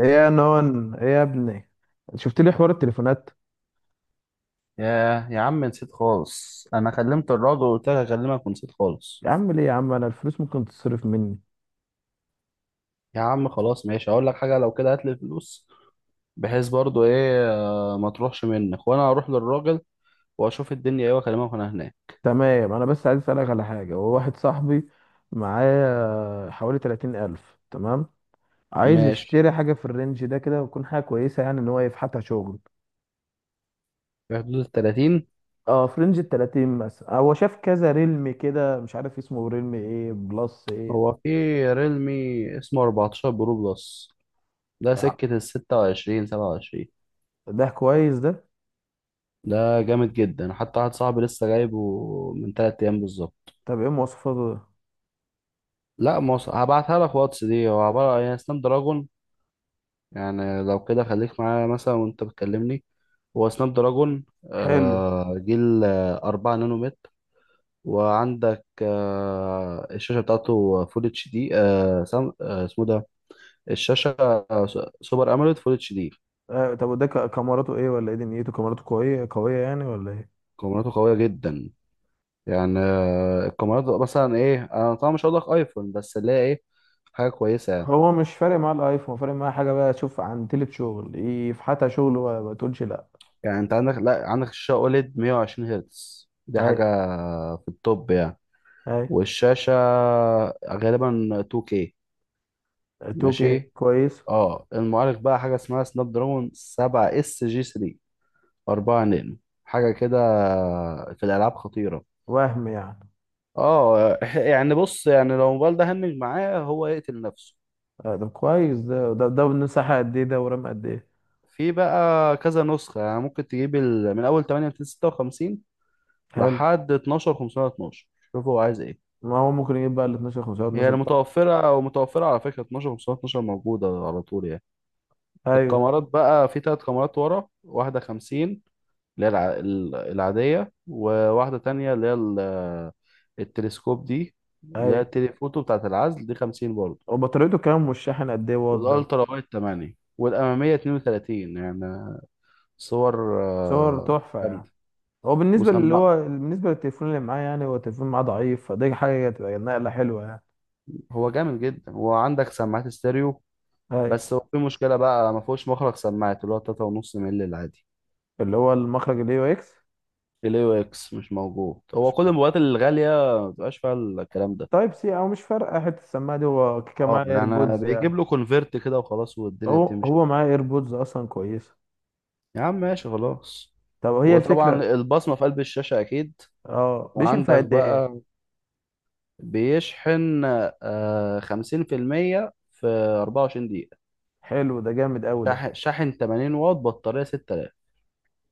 ايه يا نون، ايه يا ابني؟ شفت لي حوار التليفونات؟ يا عم نسيت خالص، انا كلمت الراجل وقلت لك اكلمك ونسيت خالص. يا عم ليه يا عم؟ انا الفلوس ممكن تتصرف مني. يا عم خلاص، ماشي هقول لك حاجه. لو كده هات لي الفلوس، بحيث برضو ايه ما تروحش منك، وانا هروح للراجل واشوف الدنيا ايه واكلمك وانا هناك. تمام، انا بس عايز اسالك على حاجه. هو واحد صاحبي معاه حوالي 30 الف، تمام. عايز ماشي، يشتري حاجه في الرينج ده كده، وتكون حاجه كويسه يعني ان هو يفحتها شغل. في حدود ال 30. اه، في رينج ال 30 مثلا. هو شاف كذا ريلم كده، مش عارف اسمه ريلم ايه بلس ايه. هو في ريلمي اسمه 14 برو بلس، ده آه، سكه ال 26 27. ده كويس ده. ده جامد جدا، حتى واحد صاحبي لسه جايبه من 3 ايام بالظبط. طب ايه مواصفاته ده؟ لا مصر هبعتها لك واتس. دي هو عباره عن سناب دراجون، يعني لو كده خليك معايا مثلا وانت بتكلمني. هو سناب دراجون حلو. جيل 4 نانومتر. وعندك الشاشة بتاعته فول اتش دي اسمه ده، الشاشة آه، س- سوبر أموليد فول اتش دي. طب وده كاميراته ايه ولا ايه؟ دنيته كاميراته قويه قويه يعني ولا ايه؟ كاميراته قوية جدا، يعني الكاميرات مثلا ايه، انا طبعا مش هقول لك ايفون، بس اللي هي ايه، حاجة كويسة يعني. هو مش فارق معاه الايفون، هو فارق معاه حاجه بقى تشوف عن تلت شغل يفحتها شغل وما ما تقولش لا. يعني انت عندك لا، عندك الشاشة اوليد 120 هرتز، دي اي، حاجة في التوب يعني. اي. والشاشة غالبا 2K. توكي ماشي. كويس. اه المعالج بقى حاجة اسمها سناب دراجون 7 اس جي 3، 4 نانو، حاجة كده. في الألعاب خطيرة. وهم يعني؟ اه يعني بص، يعني لو الموبايل ده هنج معاه هو يقتل نفسه. ده كويس ده مساحه قد ايه ده ورام قد ايه؟ في بقى كذا نسخة، يعني ممكن تجيب من أول 8256 حلو. لحد 12512، شوف هو عايز ايه. ما هو ممكن يجيب بقى ال 12 5 هي 12 يعني طاقه. متوفرة، ومتوفرة على فكرة 12512 موجودة على طول يعني. ايوه، الكاميرات بقى، في ثلاث كاميرات ورا، واحدة خمسين اللي هي العادية، وواحدة تانية اللي هي التلسكوب دي، اللي هي ايوه. التليفوتو بتاعة العزل دي خمسين برضه. وبطاريته كام والشاحن قد ايه واط ده؟ والألترا وايد تمانية، والأمامية اتنين وتلاتين يعني. صور صور تحفه يعني. جامدة. هو بالنسبه اللي وسماع، هو بالنسبه للتليفون اللي معاه يعني، هو التليفون معاه ضعيف، فدي حاجه هتبقى نقله حلوه يعني. هو جامد جدا، وعندك سماعات ستيريو. اي. بس هو في مشكلة بقى، ما فيهوش مخرج سماعات اللي هو تلاتة ونص مللي العادي. اللي هو المخرج الاي او اكس. ال AUX مش موجود، هو كل الموبايلات الغالية ما بتبقاش فيها الكلام ده. تايب سي. او مش فارقه حته السماعه دي، هو كيكه اه معاه يعني ايربودز يعني. بيجيب له كونفرت كده وخلاص والدنيا هو بتمشي. هو معاه ايربودز اصلا كويسه. يا عم ماشي خلاص. طب هي وطبعا الفكره. البصمة في قلب الشاشة أكيد. اه، بيشنفع وعندك قد ايه؟ بقى بيشحن آه خمسين في المية في أربعة وعشرين دقيقة. حلو، ده جامد قوي ده. شاحن 80 واط، بطارية 6000.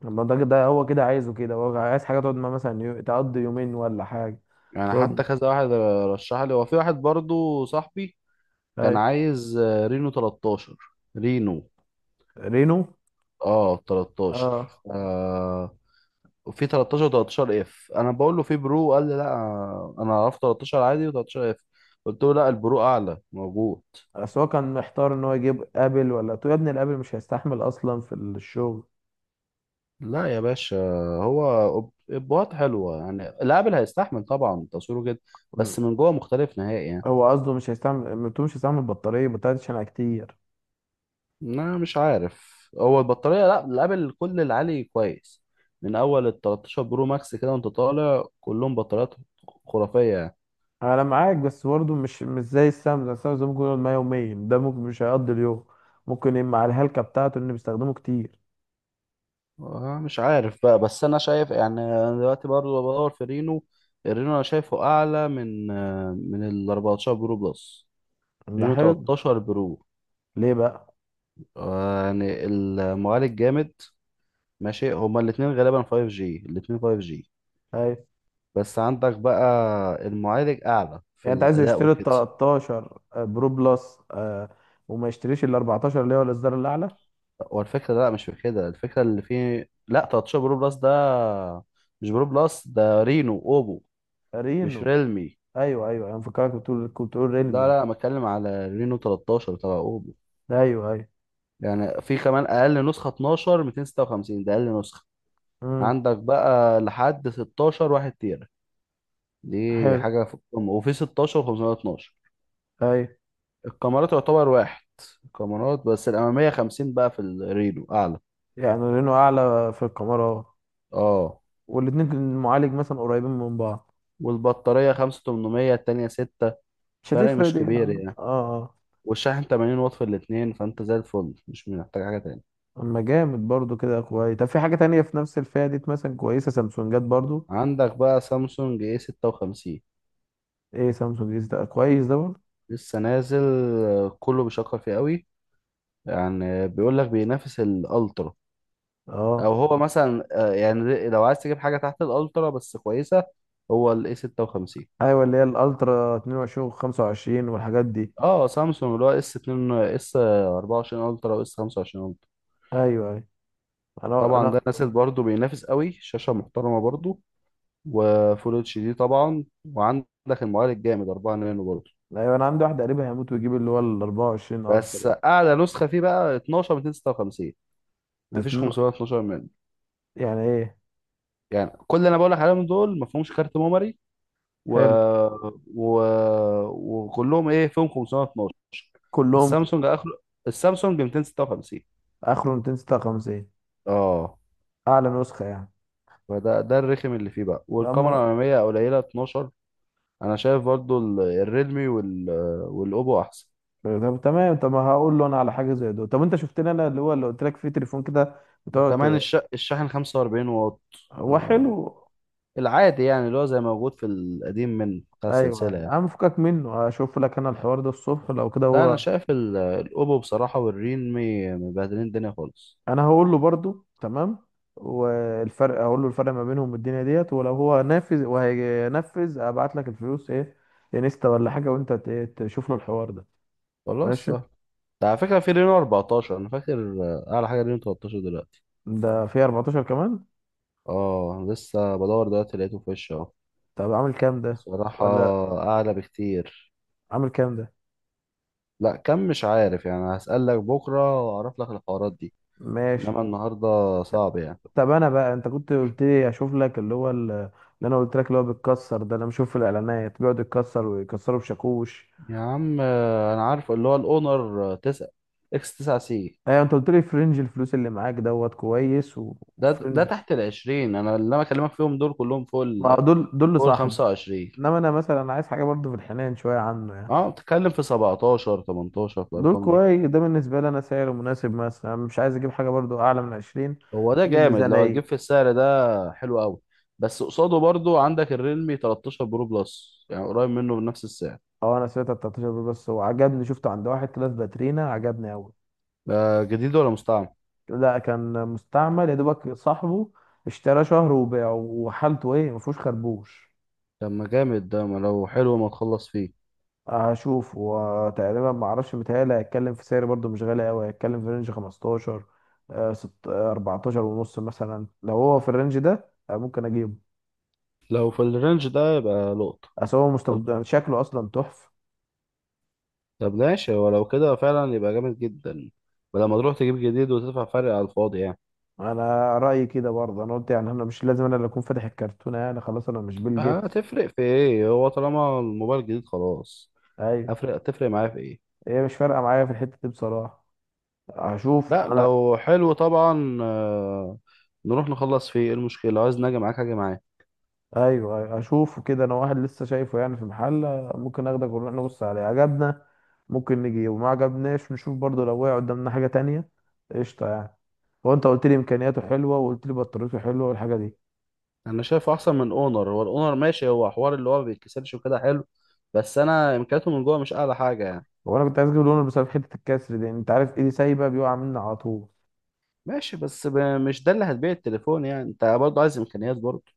الله، ده هو كده عايزه كده، هو عايز حاجه تقعد معاه مثلا تقضي يومين ولا حاجه. يعني تقعد. حتى كذا واحد رشح لي. هو في واحد برضو صاحبي كان اي. عايز رينو 13. رينو. رينو. اه 13. اه. وفي 13 و13 اف. انا بقول له في برو، قال لي لا. انا عرفت 13 عادي و13 اف، قلت له لا البرو اعلى موجود. بس هو كان محتار ان هو يجيب ابل ولا تو. يا ابني الابل مش هيستحمل اصلا في الشغل. لا يا باشا. هو ابوات حلوه يعني، الابل هيستحمل طبعا، تصويره جدا. بس من جوه مختلف نهائي يعني. هو قصده مش هيستعمل بطاريه عشان كتير. انا مش عارف هو البطاريه، لا الابل كل العالي كويس. من اول ال 13 برو ماكس كده وانت طالع كلهم بطاريات خرافيه يعني. انا معاك، بس برضه مش زي السمسم، السمسم ممكن يقعد معاه يومين، ده ممكن مش هيقضي اليوم. ممكن يبقى مع الهلكه بتاعته ان بيستخدمه كتير. مش عارف بقى، بس انا شايف يعني انا دلوقتي برضه بدور في رينو. الرينو انا شايفه اعلى من من ال 14 برو بلس، ده رينو حلو. 13 برو. ليه بقى؟ يعني المعالج جامد. ماشي، هما الاتنين غالبا 5 جي، الاتنين 5 جي. اي، بس عندك بقى المعالج اعلى في يعني انت عايز الاداء يشتري ال وكده. 13 برو بلس، وما يشتريش ال 14 اللي هو الاصدار الاعلى؟ هو الفكره لا، مش في كده، الفكره اللي فيه، لا 13 برو بلس ده مش برو بلس، ده رينو اوبو. مش رينو. ريلمي. ايوه، ايوه، انا فكرك بتقول، كنت بتقول لا ريلمي. لا بتكلم على رينو 13 تبع اوبو. ايوه، ايوه. يعني في كمان اقل نسخه 12 256، ده اقل نسخه. امم. عندك بقى لحد 16 1 تيرا، دي حلو. حاجه في القمه. وفي 16 512. ايوه. الكاميرات يعتبر واحد، الكاميرات بس الاماميه 50 بقى في الريلو اعلى. يعني رينو اعلى في الكاميرا. اه. والاتنين معالج مثلا قريبين من بعض. والبطاريه 5800، التانيه 6، مش فرق هتفرق مش دي، كبير اه، يعني. اه. والشاحن 80 واط في الاثنين، فانت زي الفل مش محتاج حاجه تاني. اما جامد برضو كده، كويس. طب في حاجة تانية في نفس الفئة دي مثلا كويسة؟ سامسونجات برضو؟ عندك بقى سامسونج اي 56، ايه سامسونج دي؟ ده كويس ده برضو؟ لسه نازل. كله بيشكر فيه قوي، يعني بيقول لك بينافس الالترا. او اه. هو مثلا يعني لو عايز تجيب حاجه تحت الالترا بس كويسه، هو الاي 56. ايوه، اللي هي الالترا 22 و25 والحاجات دي. اه سامسونج اللي هو اس 2، اس 24 الترا واس 25 الترا، ايوه، ايوه. انا طبعا انا ده نازل برضه بينافس قوي، شاشه محترمه برضه، وفول اتش دي طبعا. وعندك المعالج الجامد 4 نانو برضه. ايوه انا عندي واحد قريبي هيموت ويجيب اللي هو ال 24 بس الترا. اعلى نسخه فيه بقى 12 256، مفيش تتن- 512 منه. يعني ايه؟ يعني كل اللي انا بقول لك عليهم دول مفهومش كارت ميموري، و... حلو. و... وكلهم ايه فيهم 512. كلهم؟ السامسونج اخره، السامسونج 256. اخره 256. اه. اعلى نسخة يعني؟ فده الرخم اللي فيه بقى، والكاميرا اما. الاماميه قليله 12. انا شايف برضو الريدمي والاوبو احسن. طب تمام. طب ما هقول له انا على حاجة زي دول. طب انت شفت لي انا اللي هو اللي قلت لك فيه تليفون كده؟ وكمان بتقعد. الشاحن 45 واط هو حلو. العادي، يعني اللي هو زي موجود في القديم من بتاع ايوه، السلسله ايوه، يعني. عم فكك منه. هشوف لك انا الحوار ده الصبح لو كده لا انا هو. شايف الاوبو بصراحه والريدمي مبهدلين الدنيا خالص. انا هقول له برضو، تمام. والفرق هقول له، الفرق ما بينهم والدنيا ديت، ولو هو نافذ وهينفذ ابعت لك الفلوس ايه، انستا ولا حاجه وانت تشوف له الحوار ده. خلاص. ماشي. ده على فكرة في رينو 14 أنا فاكر، أعلى حاجة رينو 13 دلوقتي. ده في 14 كمان؟ اه لسه بدور دلوقتي لقيته في وشي اهو. طب عامل كام ده؟ بصراحة ولا. أعلى بكتير. عامل كام ده؟ لا كم مش عارف يعني، هسألك بكرة وأعرف لك الحوارات دي. ماشي. إنما النهاردة ط- صعب يعني. طب انا بقى، انت كنت قلت لي اشوف لك اللي هو اللي انا قلت لك اللي هو بيتكسر ده، انا بشوف في الاعلانات بيقعد يتكسر ويكسره بشاكوش. يا عم أنا عارف اللي هو الأونر 9 إكس 9 سي، ايوه، انت قلت لي في رينج الفلوس اللي معاك دوت كويس ده وفي ده رينج. تحت ال 20. أنا اللي أنا بكلمك فيهم دول كلهم فوق ما هو ال دول فوق ال لصاحبه. 25. انما انا مثلا عايز حاجه برضو في الحنان شويه عنه يعني. اه بتتكلم في 17 18 في دول الأرقام دي. كويس ده بالنسبه لي، انا سعر مناسب مثلا، مش عايز اجيب حاجه برضو اعلى من 20 هو ده عشان جامد، لو هتجيب الميزانيه. في السعر ده حلو قوي. بس قصاده برضو عندك الريلمي 13 برو بلس، يعني قريب منه بنفس السعر. اه، انا سمعت 13 دول بس وعجبني، شفته عند واحد كده في باترينا، عجبني قوي. ده جديد ولا مستعمل؟ لا، كان مستعمل يا دوبك، صاحبه اشتراه شهر وباعه، وحالته ايه ما فيهوش خربوش. طب ما جامد ده، ما لو حلو ما تخلص فيه. هشوف وتقريبا ما اعرفش، متهيألي هيتكلم في سعر برضو مش غالي قوي، هيتكلم في رينج 15. 14 ونص مثلا، لو هو في الرينج ده ممكن اجيبه. لو في الرينج ده يبقى لقطة. اصل هو مستخدم، شكله اصلا تحفه. طب ماشي، ولو كده فعلا يبقى جامد جدا. ولما تروح تجيب جديد وتدفع فرق على الفاضي يعني. انا رايي كده برضه، انا قلت يعني انا مش لازم انا اللي اكون فاتح الكرتونه يعني، خلاص انا مش بيل جيتس. هتفرق في ايه؟ هو طالما الموبايل جديد خلاص، ايوه. هفرق هتفرق معايا في ايه؟ هي مش فارقه معايا في الحته دي بصراحه. هشوف لا انا. لو حلو طبعا. نروح نخلص فيه، ايه المشكلة. لو عايز نجي معاك هاجي معاك. ايوه، أيوة، اشوفه كده انا. واحد لسه شايفه يعني في محل. ممكن اخدك ونروح نبص عليه، عجبنا. ممكن نجي وما عجبناش، نشوف برضه لو وقع قدامنا حاجه تانية. قشطه يعني. هو انت قلت لي امكانياته حلوه وقلت لي بطاريته حلوه والحاجه دي. انا شايفه احسن من اونر. هو الاونر ماشي، هو حوار اللي هو ما بيتكسرش وكده حلو، بس انا امكانياته من جوه مش اعلى حاجه يعني. هو انا كنت عايز اجيب لونه بسبب حته الكسر دي، انت عارف ايدي سايبه بيقع مني على طول. ماشي، بس مش ده اللي هتبيع التليفون يعني، انت برضه عايز امكانيات برضه.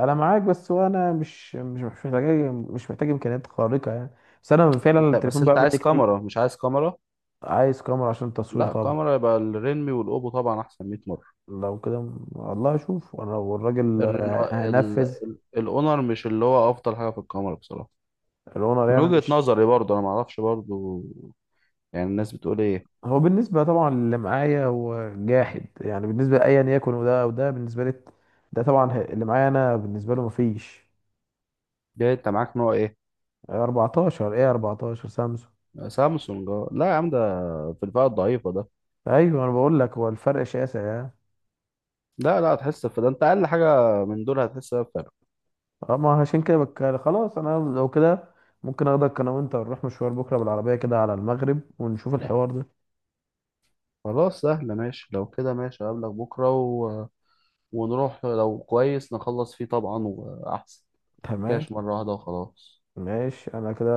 انا معاك، بس هو انا مش محتاج. مش محتاج امكانيات خارقه يعني. بس انا فعلا انت بس التليفون انت بقى مني عايز كتير. كاميرا مش عايز كاميرا؟ عايز كاميرا عشان التصوير لا طبعا. كاميرا يبقى الريلمي والاوبو طبعا احسن 100 مره. لو كده والله اشوف وانا والراجل هنفذ. الاونر مش اللي هو افضل حاجه في الكاميرا بصراحه. الاونر من يعني وجهه مش. نظري برضه، انا ما اعرفش برضه يعني الناس بتقول ايه. هو بالنسبه طبعا اللي معايا هو جاحد، يعني بالنسبه لايا يكن، وده بالنسبه لي. ده طبعا اللي معايا انا بالنسبه له مفيش. ده انت معاك نوع ايه؟ 14 ايه، 14 سامسونج. سامسونج اه. لا يا عم ده في الفئه الضعيفه ده. ايوه انا بقول لك هو الفرق شاسع يعني. لا هتحس في ده، انت اقل حاجه من دول هتحس بيها بفرق. اه، ما عشان كده خلاص انا لو كده. ممكن اخدك انا وانت نروح مشوار بكره بالعربيه كده على المغرب ونشوف الحوار ده. خلاص سهله، ماشي لو كده ماشي. اقابلك بكره ونروح لو كويس نخلص فيه طبعا واحسن. تمام. كاش مره واحده وخلاص. ماشي انا كده.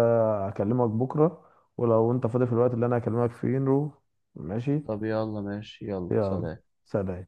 هكلمك بكره. ولو انت فاضي في الوقت اللي انا هكلمك فيه نروح. ماشي. طب يلا ماشي، يلا يلا، سلام. سلام.